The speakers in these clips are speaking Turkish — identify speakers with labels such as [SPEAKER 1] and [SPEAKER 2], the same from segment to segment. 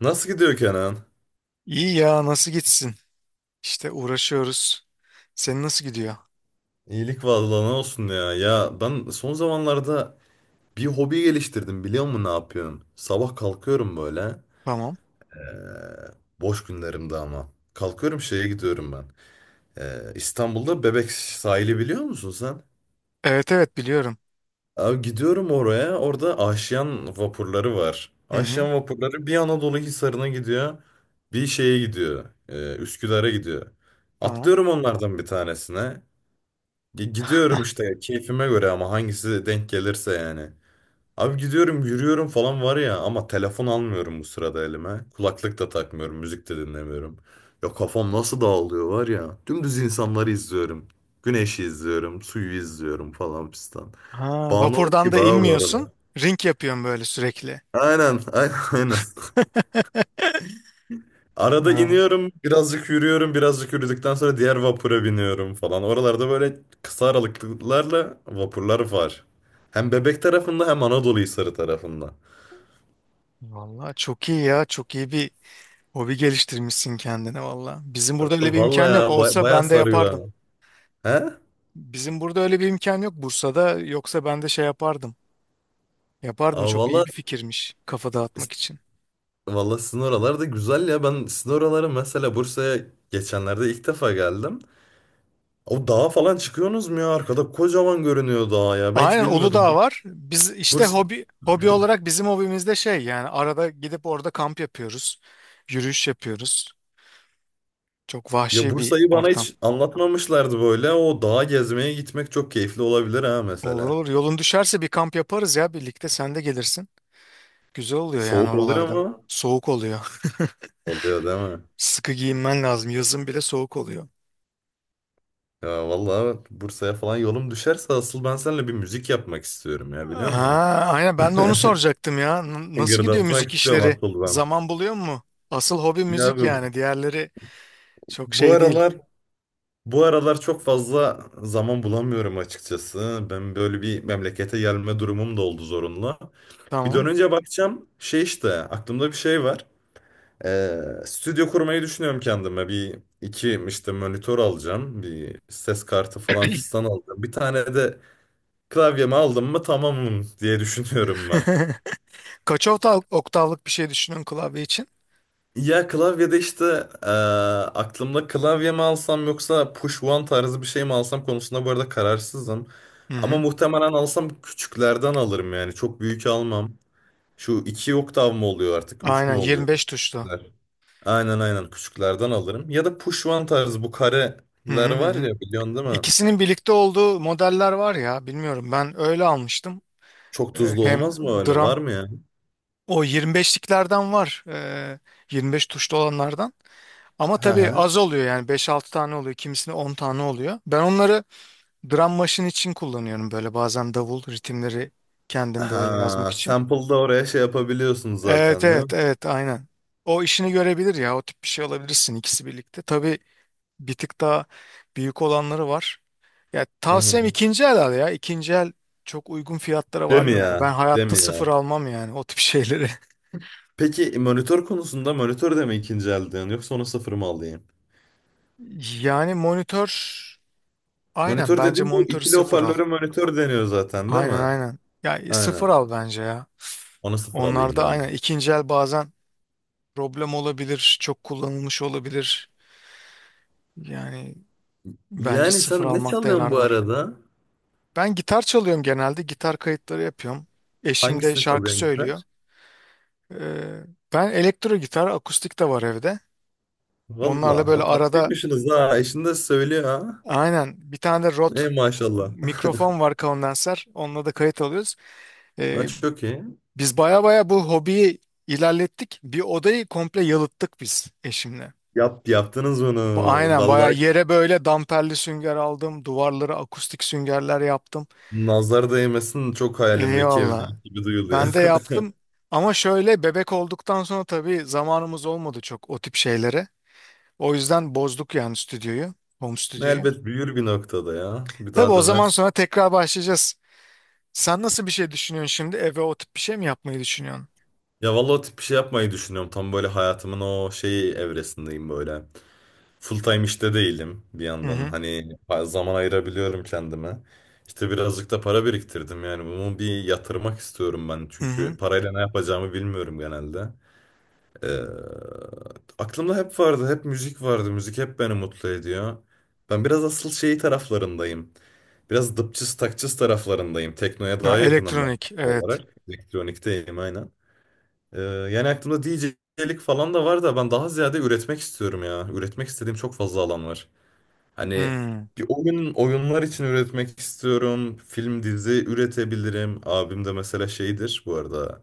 [SPEAKER 1] Nasıl gidiyor Kenan?
[SPEAKER 2] İyi ya nasıl gitsin? İşte uğraşıyoruz. Senin nasıl gidiyor?
[SPEAKER 1] İyilik vallahi ne olsun ya. Ya ben son zamanlarda bir hobi geliştirdim biliyor musun ne yapıyorum? Sabah kalkıyorum böyle.
[SPEAKER 2] Tamam.
[SPEAKER 1] eee, Boş günlerimde ama. Kalkıyorum şeye gidiyorum ben. İstanbul'da Bebek sahili biliyor musun sen?
[SPEAKER 2] Evet evet biliyorum.
[SPEAKER 1] Abi gidiyorum oraya. Orada Aşyan vapurları var.
[SPEAKER 2] Hı hı.
[SPEAKER 1] Aşyan vapurları bir Anadolu Hisarı'na gidiyor. Bir şeye gidiyor. Üsküdar'a gidiyor.
[SPEAKER 2] Tamam.
[SPEAKER 1] Atlıyorum onlardan bir tanesine. Gidiyorum işte keyfime göre ama hangisi de denk gelirse yani. Abi gidiyorum yürüyorum falan var ya ama telefon almıyorum bu sırada elime. Kulaklık da takmıyorum, müzik de dinlemiyorum. Ya kafam nasıl dağılıyor var ya. Dümdüz insanları izliyorum. Güneşi izliyorum, suyu izliyorum falan pistan.
[SPEAKER 2] Ha,
[SPEAKER 1] Bağımlılık
[SPEAKER 2] vapurdan
[SPEAKER 1] gibi
[SPEAKER 2] da
[SPEAKER 1] abi bu
[SPEAKER 2] inmiyorsun.
[SPEAKER 1] arada.
[SPEAKER 2] Ring yapıyorsun böyle sürekli.
[SPEAKER 1] Aynen, aynen, aynen. Arada
[SPEAKER 2] Ha.
[SPEAKER 1] iniyorum, birazcık yürüyorum, birazcık yürüdükten sonra diğer vapura biniyorum falan. Oralarda böyle kısa aralıklarla vapurlar var. Hem Bebek tarafında hem Anadolu Hisarı tarafında.
[SPEAKER 2] Vallahi çok iyi ya. Çok iyi bir hobi geliştirmişsin kendine valla. Bizim burada öyle bir
[SPEAKER 1] Vallahi
[SPEAKER 2] imkan
[SPEAKER 1] ya,
[SPEAKER 2] yok.
[SPEAKER 1] çok
[SPEAKER 2] Olsa
[SPEAKER 1] bayağı
[SPEAKER 2] ben de yapardım.
[SPEAKER 1] sarıyor ha. He?
[SPEAKER 2] Bizim burada öyle bir imkan yok Bursa'da. Yoksa ben de şey yapardım. Yapardım
[SPEAKER 1] Aa,
[SPEAKER 2] çok
[SPEAKER 1] valla
[SPEAKER 2] iyi bir fikirmiş. Kafa dağıtmak için.
[SPEAKER 1] valla sizin oralar da güzel ya. Ben sizin oraları mesela Bursa'ya geçenlerde ilk defa geldim. O dağa falan çıkıyorsunuz mu ya? Arkada kocaman görünüyor dağ ya. Ben hiç
[SPEAKER 2] Aynen Uludağ
[SPEAKER 1] bilmiyordum.
[SPEAKER 2] var. Biz işte hobi hobi olarak bizim hobimizde şey yani arada gidip orada kamp yapıyoruz. Yürüyüş yapıyoruz. Çok
[SPEAKER 1] Ya
[SPEAKER 2] vahşi bir
[SPEAKER 1] Bursa'yı bana
[SPEAKER 2] ortam.
[SPEAKER 1] hiç anlatmamışlardı böyle. O dağa gezmeye gitmek çok keyifli olabilir ha
[SPEAKER 2] Olur
[SPEAKER 1] mesela.
[SPEAKER 2] olur. Yolun düşerse bir kamp yaparız ya birlikte sen de gelirsin. Güzel oluyor yani
[SPEAKER 1] Soğuk oluyor
[SPEAKER 2] oralarda.
[SPEAKER 1] mu?
[SPEAKER 2] Soğuk oluyor.
[SPEAKER 1] Oluyor değil mi?
[SPEAKER 2] Sıkı giyinmen lazım. Yazın bile soğuk oluyor.
[SPEAKER 1] Ya vallahi Bursa'ya falan yolum düşerse asıl ben seninle bir müzik yapmak istiyorum ya biliyor
[SPEAKER 2] Ha,
[SPEAKER 1] musun?
[SPEAKER 2] aynen ben de onu soracaktım ya. Nasıl gidiyor
[SPEAKER 1] Gırdatmak
[SPEAKER 2] müzik
[SPEAKER 1] istiyorum
[SPEAKER 2] işleri?
[SPEAKER 1] asıl ben.
[SPEAKER 2] Zaman buluyor mu? Asıl hobi
[SPEAKER 1] Ya
[SPEAKER 2] müzik
[SPEAKER 1] abi,
[SPEAKER 2] yani. Diğerleri çok
[SPEAKER 1] bu
[SPEAKER 2] şey değil.
[SPEAKER 1] aralar bu aralar çok fazla zaman bulamıyorum açıkçası. Ben böyle bir memlekete gelme durumum da oldu zorunlu. Bir
[SPEAKER 2] Tamam.
[SPEAKER 1] dönünce bakacağım şey işte aklımda bir şey var. Ee, Stüdyo kurmayı düşünüyorum kendime. Bir iki işte monitör alacağım. Bir ses kartı falan fistan alacağım. Bir tane de klavyemi aldım mı tamamım diye düşünüyorum ben.
[SPEAKER 2] Kaç oktav, oktavlık bir şey düşünün klavye için?
[SPEAKER 1] Ya klavyede işte aklımda klavye mi alsam yoksa push one tarzı bir şey mi alsam konusunda bu arada kararsızım.
[SPEAKER 2] Hı
[SPEAKER 1] Ama
[SPEAKER 2] hı.
[SPEAKER 1] muhtemelen alsam küçüklerden alırım yani çok büyük almam. Şu iki oktav mı oluyor artık üç
[SPEAKER 2] Aynen
[SPEAKER 1] mü oluyor?
[SPEAKER 2] 25 tuşlu.
[SPEAKER 1] Aynen aynen küçüklerden alırım. Ya da puşvan tarzı bu
[SPEAKER 2] Hı
[SPEAKER 1] kareler
[SPEAKER 2] hı hı
[SPEAKER 1] var
[SPEAKER 2] hı.
[SPEAKER 1] ya biliyorsun değil mi?
[SPEAKER 2] İkisinin birlikte olduğu modeller var ya, bilmiyorum, ben öyle almıştım.
[SPEAKER 1] Çok tuzlu
[SPEAKER 2] Hem
[SPEAKER 1] olmaz mı öyle?
[SPEAKER 2] drum
[SPEAKER 1] Var mı ya?
[SPEAKER 2] o 25'liklerden var. 25 tuşlu olanlardan. Ama
[SPEAKER 1] Ha
[SPEAKER 2] tabii
[SPEAKER 1] ha.
[SPEAKER 2] az oluyor yani, 5 6 tane oluyor. Kimisinde 10 tane oluyor. Ben onları drum machine için kullanıyorum, böyle bazen davul ritimleri kendim böyle yazmak
[SPEAKER 1] Ha,
[SPEAKER 2] için.
[SPEAKER 1] sample'da oraya şey yapabiliyorsun
[SPEAKER 2] Evet
[SPEAKER 1] zaten değil
[SPEAKER 2] evet
[SPEAKER 1] mi?
[SPEAKER 2] evet aynen. O işini görebilir ya, o tip bir şey alabilirsin ikisi birlikte. Tabii bir tık daha büyük olanları var. Ya
[SPEAKER 1] Hı
[SPEAKER 2] tavsiyem
[SPEAKER 1] hı.
[SPEAKER 2] ikinci el al ya. İkinci el çok uygun fiyatlara
[SPEAKER 1] Değil
[SPEAKER 2] var
[SPEAKER 1] mi
[SPEAKER 2] yani. Ben
[SPEAKER 1] ya? Değil
[SPEAKER 2] hayatta
[SPEAKER 1] mi ya?
[SPEAKER 2] sıfır almam yani o tip şeyleri.
[SPEAKER 1] Peki monitör konusunda monitör de mi ikinci elden yoksa onu sıfır mı alayım?
[SPEAKER 2] Yani monitör, aynen
[SPEAKER 1] Monitör
[SPEAKER 2] bence
[SPEAKER 1] dediğim bu
[SPEAKER 2] monitörü
[SPEAKER 1] ikili
[SPEAKER 2] sıfır al.
[SPEAKER 1] hoparlöre monitör deniyor zaten değil
[SPEAKER 2] Aynen
[SPEAKER 1] mi?
[SPEAKER 2] aynen. Ya sıfır
[SPEAKER 1] Aynen.
[SPEAKER 2] al bence ya.
[SPEAKER 1] Onu sıfır alayım
[SPEAKER 2] Onlarda
[SPEAKER 1] değil mi?
[SPEAKER 2] aynen ikinci el bazen problem olabilir, çok kullanılmış olabilir. Yani bence
[SPEAKER 1] Yani sen
[SPEAKER 2] sıfır
[SPEAKER 1] ne
[SPEAKER 2] almakta
[SPEAKER 1] çalıyorsun
[SPEAKER 2] yarar
[SPEAKER 1] bu
[SPEAKER 2] var.
[SPEAKER 1] arada?
[SPEAKER 2] Ben gitar çalıyorum genelde. Gitar kayıtları yapıyorum. Eşim de
[SPEAKER 1] Hangisini
[SPEAKER 2] şarkı
[SPEAKER 1] çalıyorsun
[SPEAKER 2] söylüyor.
[SPEAKER 1] gitar?
[SPEAKER 2] Ee, ben elektro gitar, akustik de var evde. Onlarla
[SPEAKER 1] Valla
[SPEAKER 2] böyle
[SPEAKER 1] o
[SPEAKER 2] arada,
[SPEAKER 1] tatlıymışsınız ha. Eşin de söylüyor ha.
[SPEAKER 2] aynen, bir tane de Rode
[SPEAKER 1] Ey maşallah.
[SPEAKER 2] mikrofon var, kondenser. Onunla da kayıt alıyoruz.
[SPEAKER 1] Ha,
[SPEAKER 2] Ee,
[SPEAKER 1] çok iyi.
[SPEAKER 2] biz baya baya bu hobiyi ilerlettik. Bir odayı komple yalıttık biz eşimle.
[SPEAKER 1] Yaptınız onu.
[SPEAKER 2] Aynen baya
[SPEAKER 1] Vallahi
[SPEAKER 2] yere böyle damperli sünger aldım. Duvarlara akustik süngerler yaptım.
[SPEAKER 1] nazar değmesin çok hayalimdeki
[SPEAKER 2] Eyvallah.
[SPEAKER 1] evlilik gibi duyuluyor.
[SPEAKER 2] Ben de yaptım. Ama şöyle bebek olduktan sonra tabii zamanımız olmadı çok o tip şeylere. O yüzden bozduk yani stüdyoyu, home
[SPEAKER 1] Ne
[SPEAKER 2] stüdyoyu.
[SPEAKER 1] elbet büyür bir noktada ya. Bir
[SPEAKER 2] Tabii
[SPEAKER 1] daha
[SPEAKER 2] o zaman
[SPEAKER 1] dönersin.
[SPEAKER 2] sonra tekrar başlayacağız. Sen nasıl bir şey düşünüyorsun şimdi? Eve o tip bir şey mi yapmayı düşünüyorsun?
[SPEAKER 1] Ya vallahi o tip bir şey yapmayı düşünüyorum. Tam böyle hayatımın o şeyi evresindeyim böyle. Full time işte değilim bir
[SPEAKER 2] Hı
[SPEAKER 1] yandan.
[SPEAKER 2] hı.
[SPEAKER 1] Hani zaman ayırabiliyorum kendime. İşte birazcık da para biriktirdim yani bunu bir yatırmak istiyorum ben
[SPEAKER 2] Hı hı.
[SPEAKER 1] çünkü parayla ne yapacağımı bilmiyorum genelde. Ee, Aklımda hep vardı, hep müzik vardı. Müzik hep beni mutlu ediyor. Ben biraz asıl şey taraflarındayım. Biraz dıpçız takçız taraflarındayım. Teknoya
[SPEAKER 2] Ha,
[SPEAKER 1] daha yakınım ben
[SPEAKER 2] elektronik, evet.
[SPEAKER 1] olarak. Elektronikteyim aynen. Yani aklımda DJ'lik falan da var da ben daha ziyade üretmek istiyorum ya. Üretmek istediğim çok fazla alan var. Hani
[SPEAKER 2] Hmm,
[SPEAKER 1] bir oyun, oyunlar için üretmek istiyorum. Film, dizi üretebilirim. Abim de mesela şeydir bu arada.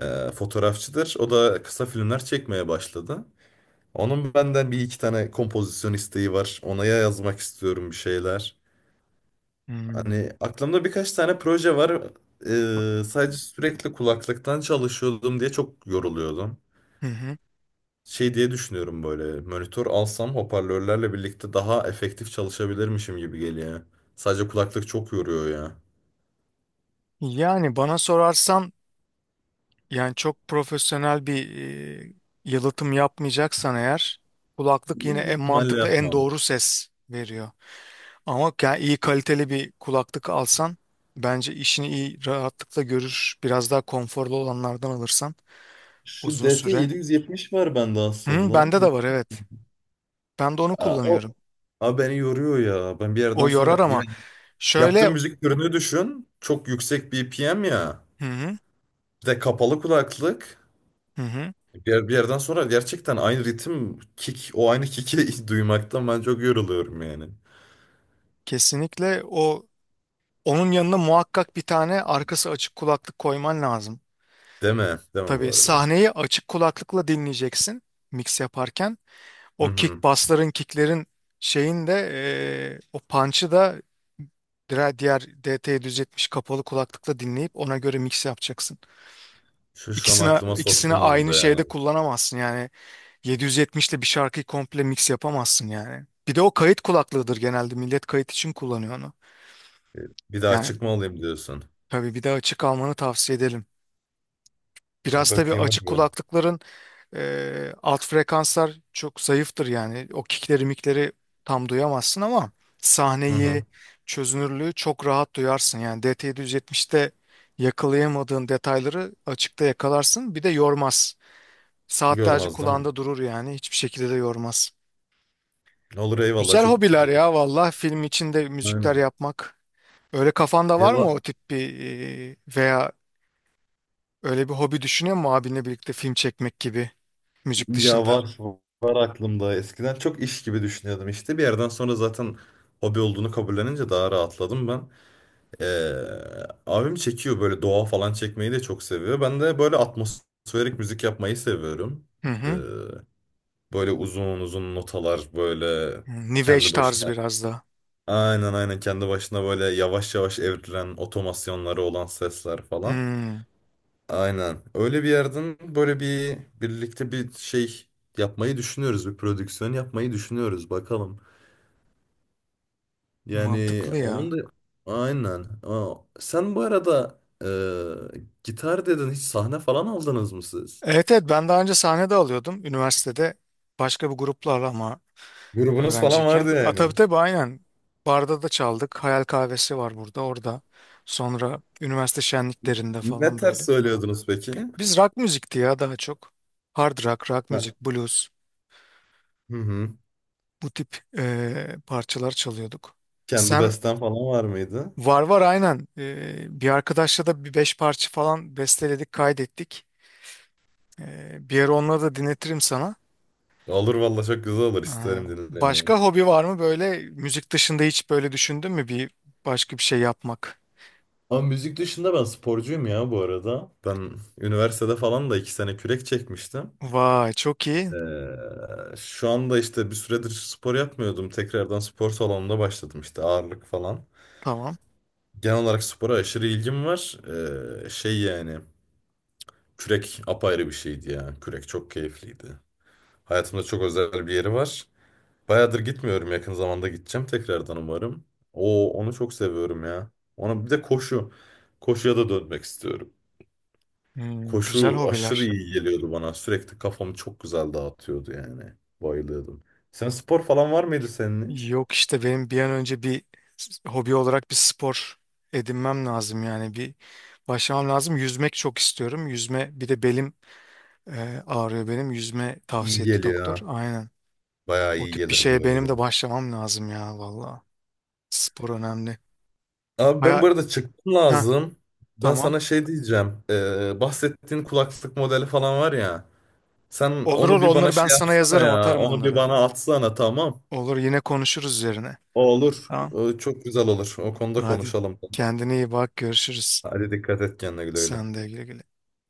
[SPEAKER 1] Fotoğrafçıdır. O da kısa filmler çekmeye başladı. Onun benden bir iki tane kompozisyon isteği var. Ona ya yazmak istiyorum bir şeyler.
[SPEAKER 2] hmm.
[SPEAKER 1] Hani aklımda birkaç tane proje var. Sadece sürekli kulaklıktan çalışıyordum diye çok yoruluyordum.
[SPEAKER 2] Hı hı.
[SPEAKER 1] Şey diye düşünüyorum böyle. Monitör alsam hoparlörlerle birlikte daha efektif çalışabilirmişim gibi geliyor. Sadece kulaklık çok yoruyor ya.
[SPEAKER 2] Yani bana sorarsan, yani çok profesyonel bir e, yalıtım yapmayacaksan eğer, kulaklık yine en
[SPEAKER 1] Büyük ihtimalle
[SPEAKER 2] mantıklı, en
[SPEAKER 1] yapmam.
[SPEAKER 2] doğru ses veriyor. Ama yani iyi kaliteli bir kulaklık alsan bence işini iyi, rahatlıkla görür. Biraz daha konforlu olanlardan alırsan
[SPEAKER 1] Şu
[SPEAKER 2] uzun süre.
[SPEAKER 1] DT770 var bende
[SPEAKER 2] Hı,
[SPEAKER 1] aslında.
[SPEAKER 2] bende de var, evet. Ben de onu
[SPEAKER 1] Aa,
[SPEAKER 2] kullanıyorum.
[SPEAKER 1] Aa, beni yoruyor ya. Ben bir
[SPEAKER 2] O
[SPEAKER 1] yerden
[SPEAKER 2] yorar
[SPEAKER 1] sonra ya.
[SPEAKER 2] ama
[SPEAKER 1] Yaptığım
[SPEAKER 2] şöyle,
[SPEAKER 1] müzik türünü düşün. Çok yüksek BPM ya.
[SPEAKER 2] hı hı,
[SPEAKER 1] Bir de kapalı kulaklık.
[SPEAKER 2] hı hı,
[SPEAKER 1] Bir yerden sonra gerçekten aynı ritim, kick, o aynı kick'i duymaktan ben çok yoruluyorum yani.
[SPEAKER 2] kesinlikle o, onun yanına muhakkak bir tane arkası açık kulaklık koyman lazım.
[SPEAKER 1] Deme, deme bu
[SPEAKER 2] Tabii
[SPEAKER 1] arada.
[SPEAKER 2] sahneyi açık kulaklıkla dinleyeceksin mix yaparken.
[SPEAKER 1] Hı
[SPEAKER 2] O kick
[SPEAKER 1] hı.
[SPEAKER 2] bassların, kicklerin, şeyin de o punch'ı da, diğer DT'yi düzeltmiş kapalı kulaklıkla dinleyip ona göre mix yapacaksın.
[SPEAKER 1] Şu an
[SPEAKER 2] İkisine
[SPEAKER 1] aklıma
[SPEAKER 2] ikisini
[SPEAKER 1] soktun onu
[SPEAKER 2] aynı
[SPEAKER 1] da ya.
[SPEAKER 2] şeyde kullanamazsın yani, 770 ile bir şarkıyı komple mix yapamazsın yani. Bir de o kayıt kulaklığıdır genelde, millet kayıt için kullanıyor onu.
[SPEAKER 1] Bir daha
[SPEAKER 2] Yani
[SPEAKER 1] çıkma olayım diyorsun.
[SPEAKER 2] tabii bir de açık almanı tavsiye ederim.
[SPEAKER 1] Bir
[SPEAKER 2] Biraz tabii
[SPEAKER 1] bakayım,
[SPEAKER 2] açık
[SPEAKER 1] bakayım.
[SPEAKER 2] kulaklıkların alt frekanslar çok zayıftır yani. O kickleri, mikleri tam duyamazsın ama
[SPEAKER 1] Hı hı.
[SPEAKER 2] sahneyi, çözünürlüğü çok rahat duyarsın. Yani DT770'te yakalayamadığın detayları açıkta yakalarsın. Bir de yormaz. Saatlerce
[SPEAKER 1] Görmez değil mi?
[SPEAKER 2] kulağında durur yani. Hiçbir şekilde de yormaz.
[SPEAKER 1] Olur eyvallah
[SPEAKER 2] Güzel
[SPEAKER 1] çok
[SPEAKER 2] hobiler
[SPEAKER 1] iyi.
[SPEAKER 2] ya valla. Film içinde müzikler
[SPEAKER 1] Aynen.
[SPEAKER 2] yapmak. Öyle kafanda
[SPEAKER 1] Ya,
[SPEAKER 2] var mı o tip bir veya öyle bir hobi düşünüyor musun, abinle birlikte film çekmek gibi, müzik
[SPEAKER 1] Ya
[SPEAKER 2] dışında?
[SPEAKER 1] var aklımda. Eskiden çok iş gibi düşünüyordum işte. Bir yerden sonra zaten hobi olduğunu kabullenince daha rahatladım ben. Abim çekiyor böyle doğa falan çekmeyi de çok seviyor. Ben de böyle atmosferik müzik yapmayı seviyorum.
[SPEAKER 2] Hı
[SPEAKER 1] Ee,
[SPEAKER 2] hı.
[SPEAKER 1] Böyle uzun uzun notalar böyle
[SPEAKER 2] Hmm, New Age
[SPEAKER 1] kendi
[SPEAKER 2] tarzı
[SPEAKER 1] başına
[SPEAKER 2] biraz da.
[SPEAKER 1] aynen aynen kendi başına böyle yavaş yavaş evrilen otomasyonları olan sesler falan.
[SPEAKER 2] Hmm,
[SPEAKER 1] Aynen. Öyle bir yerden böyle bir birlikte bir şey yapmayı düşünüyoruz. Bir prodüksiyon yapmayı düşünüyoruz. Bakalım. Yani
[SPEAKER 2] mantıklı
[SPEAKER 1] onun
[SPEAKER 2] ya.
[SPEAKER 1] da aynen. Aa, sen bu arada gitar dedin. Hiç sahne falan aldınız mı siz?
[SPEAKER 2] Evet evet, ben daha önce sahne de alıyordum üniversitede, başka bir gruplarla ama
[SPEAKER 1] Grubunuz falan
[SPEAKER 2] öğrenciyken.
[SPEAKER 1] vardı
[SPEAKER 2] A,
[SPEAKER 1] yani.
[SPEAKER 2] tabii tabii aynen. Barda da çaldık. Hayal Kahvesi var burada, orada. Sonra üniversite şenliklerinde
[SPEAKER 1] Ne
[SPEAKER 2] falan
[SPEAKER 1] ters
[SPEAKER 2] böyle.
[SPEAKER 1] söylüyordunuz peki?
[SPEAKER 2] Biz rock müzikti ya daha çok. Hard rock, rock
[SPEAKER 1] Ha.
[SPEAKER 2] müzik, blues,
[SPEAKER 1] Hı hı.
[SPEAKER 2] bu tip parçalar çalıyorduk.
[SPEAKER 1] Kendi
[SPEAKER 2] Sen
[SPEAKER 1] besten falan var mıydı?
[SPEAKER 2] var var aynen. Bir arkadaşla da bir 5 parça falan besteledik, kaydettik. Bir ara onları da dinletirim sana.
[SPEAKER 1] Olur valla çok güzel olur.
[SPEAKER 2] Ee,
[SPEAKER 1] İsterim dinlemeyi.
[SPEAKER 2] Başka hobi var mı böyle müzik dışında, hiç böyle düşündün mü bir başka bir şey yapmak?
[SPEAKER 1] Ama müzik dışında ben sporcuyum ya bu arada. Ben üniversitede falan da 2 sene kürek çekmiştim.
[SPEAKER 2] Vay çok iyi.
[SPEAKER 1] Şu anda işte bir süredir spor yapmıyordum. Tekrardan spor salonunda başladım işte ağırlık falan.
[SPEAKER 2] Tamam.
[SPEAKER 1] Genel olarak spora aşırı ilgim var. Şey yani kürek apayrı bir şeydi ya. Kürek çok keyifliydi. Hayatımda çok özel bir yeri var. Bayağıdır gitmiyorum. Yakın zamanda gideceğim tekrardan umarım. Onu çok seviyorum ya. Ona bir de koşu. Koşuya da dönmek istiyorum.
[SPEAKER 2] Hmm, güzel
[SPEAKER 1] Koşu aşırı
[SPEAKER 2] hobiler.
[SPEAKER 1] iyi geliyordu bana. Sürekli kafamı çok güzel dağıtıyordu yani. Bayılıyordum. Sen spor falan var mıydı senin hiç?
[SPEAKER 2] Yok, işte benim bir an önce bir hobi olarak bir spor edinmem lazım yani, bir başlamam lazım. Yüzmek çok istiyorum. Yüzme, bir de belim ağrıyor benim. Yüzme
[SPEAKER 1] İyi
[SPEAKER 2] tavsiye etti
[SPEAKER 1] geliyor
[SPEAKER 2] doktor.
[SPEAKER 1] ha.
[SPEAKER 2] Aynen.
[SPEAKER 1] Bayağı
[SPEAKER 2] O
[SPEAKER 1] iyi
[SPEAKER 2] tip bir
[SPEAKER 1] gelir bu
[SPEAKER 2] şeye benim de
[SPEAKER 1] arada.
[SPEAKER 2] başlamam lazım ya valla. Spor önemli.
[SPEAKER 1] Abi ben
[SPEAKER 2] Baya.
[SPEAKER 1] bu arada çıktım
[SPEAKER 2] Ha,
[SPEAKER 1] lazım. Ben
[SPEAKER 2] tamam.
[SPEAKER 1] sana şey diyeceğim. Bahsettiğin kulaklık modeli falan var ya. Sen
[SPEAKER 2] Olur
[SPEAKER 1] onu
[SPEAKER 2] olur,
[SPEAKER 1] bir bana
[SPEAKER 2] onları ben
[SPEAKER 1] şey
[SPEAKER 2] sana
[SPEAKER 1] yapsana
[SPEAKER 2] yazarım,
[SPEAKER 1] ya.
[SPEAKER 2] atarım
[SPEAKER 1] Onu bir
[SPEAKER 2] onları.
[SPEAKER 1] bana atsana tamam.
[SPEAKER 2] Olur, yine konuşuruz üzerine.
[SPEAKER 1] O olur.
[SPEAKER 2] Tamam.
[SPEAKER 1] O çok güzel olur. O konuda
[SPEAKER 2] Hadi
[SPEAKER 1] konuşalım. Tamam.
[SPEAKER 2] kendine iyi bak, görüşürüz.
[SPEAKER 1] Hadi dikkat et kendine güle güle.
[SPEAKER 2] Sen de güle güle.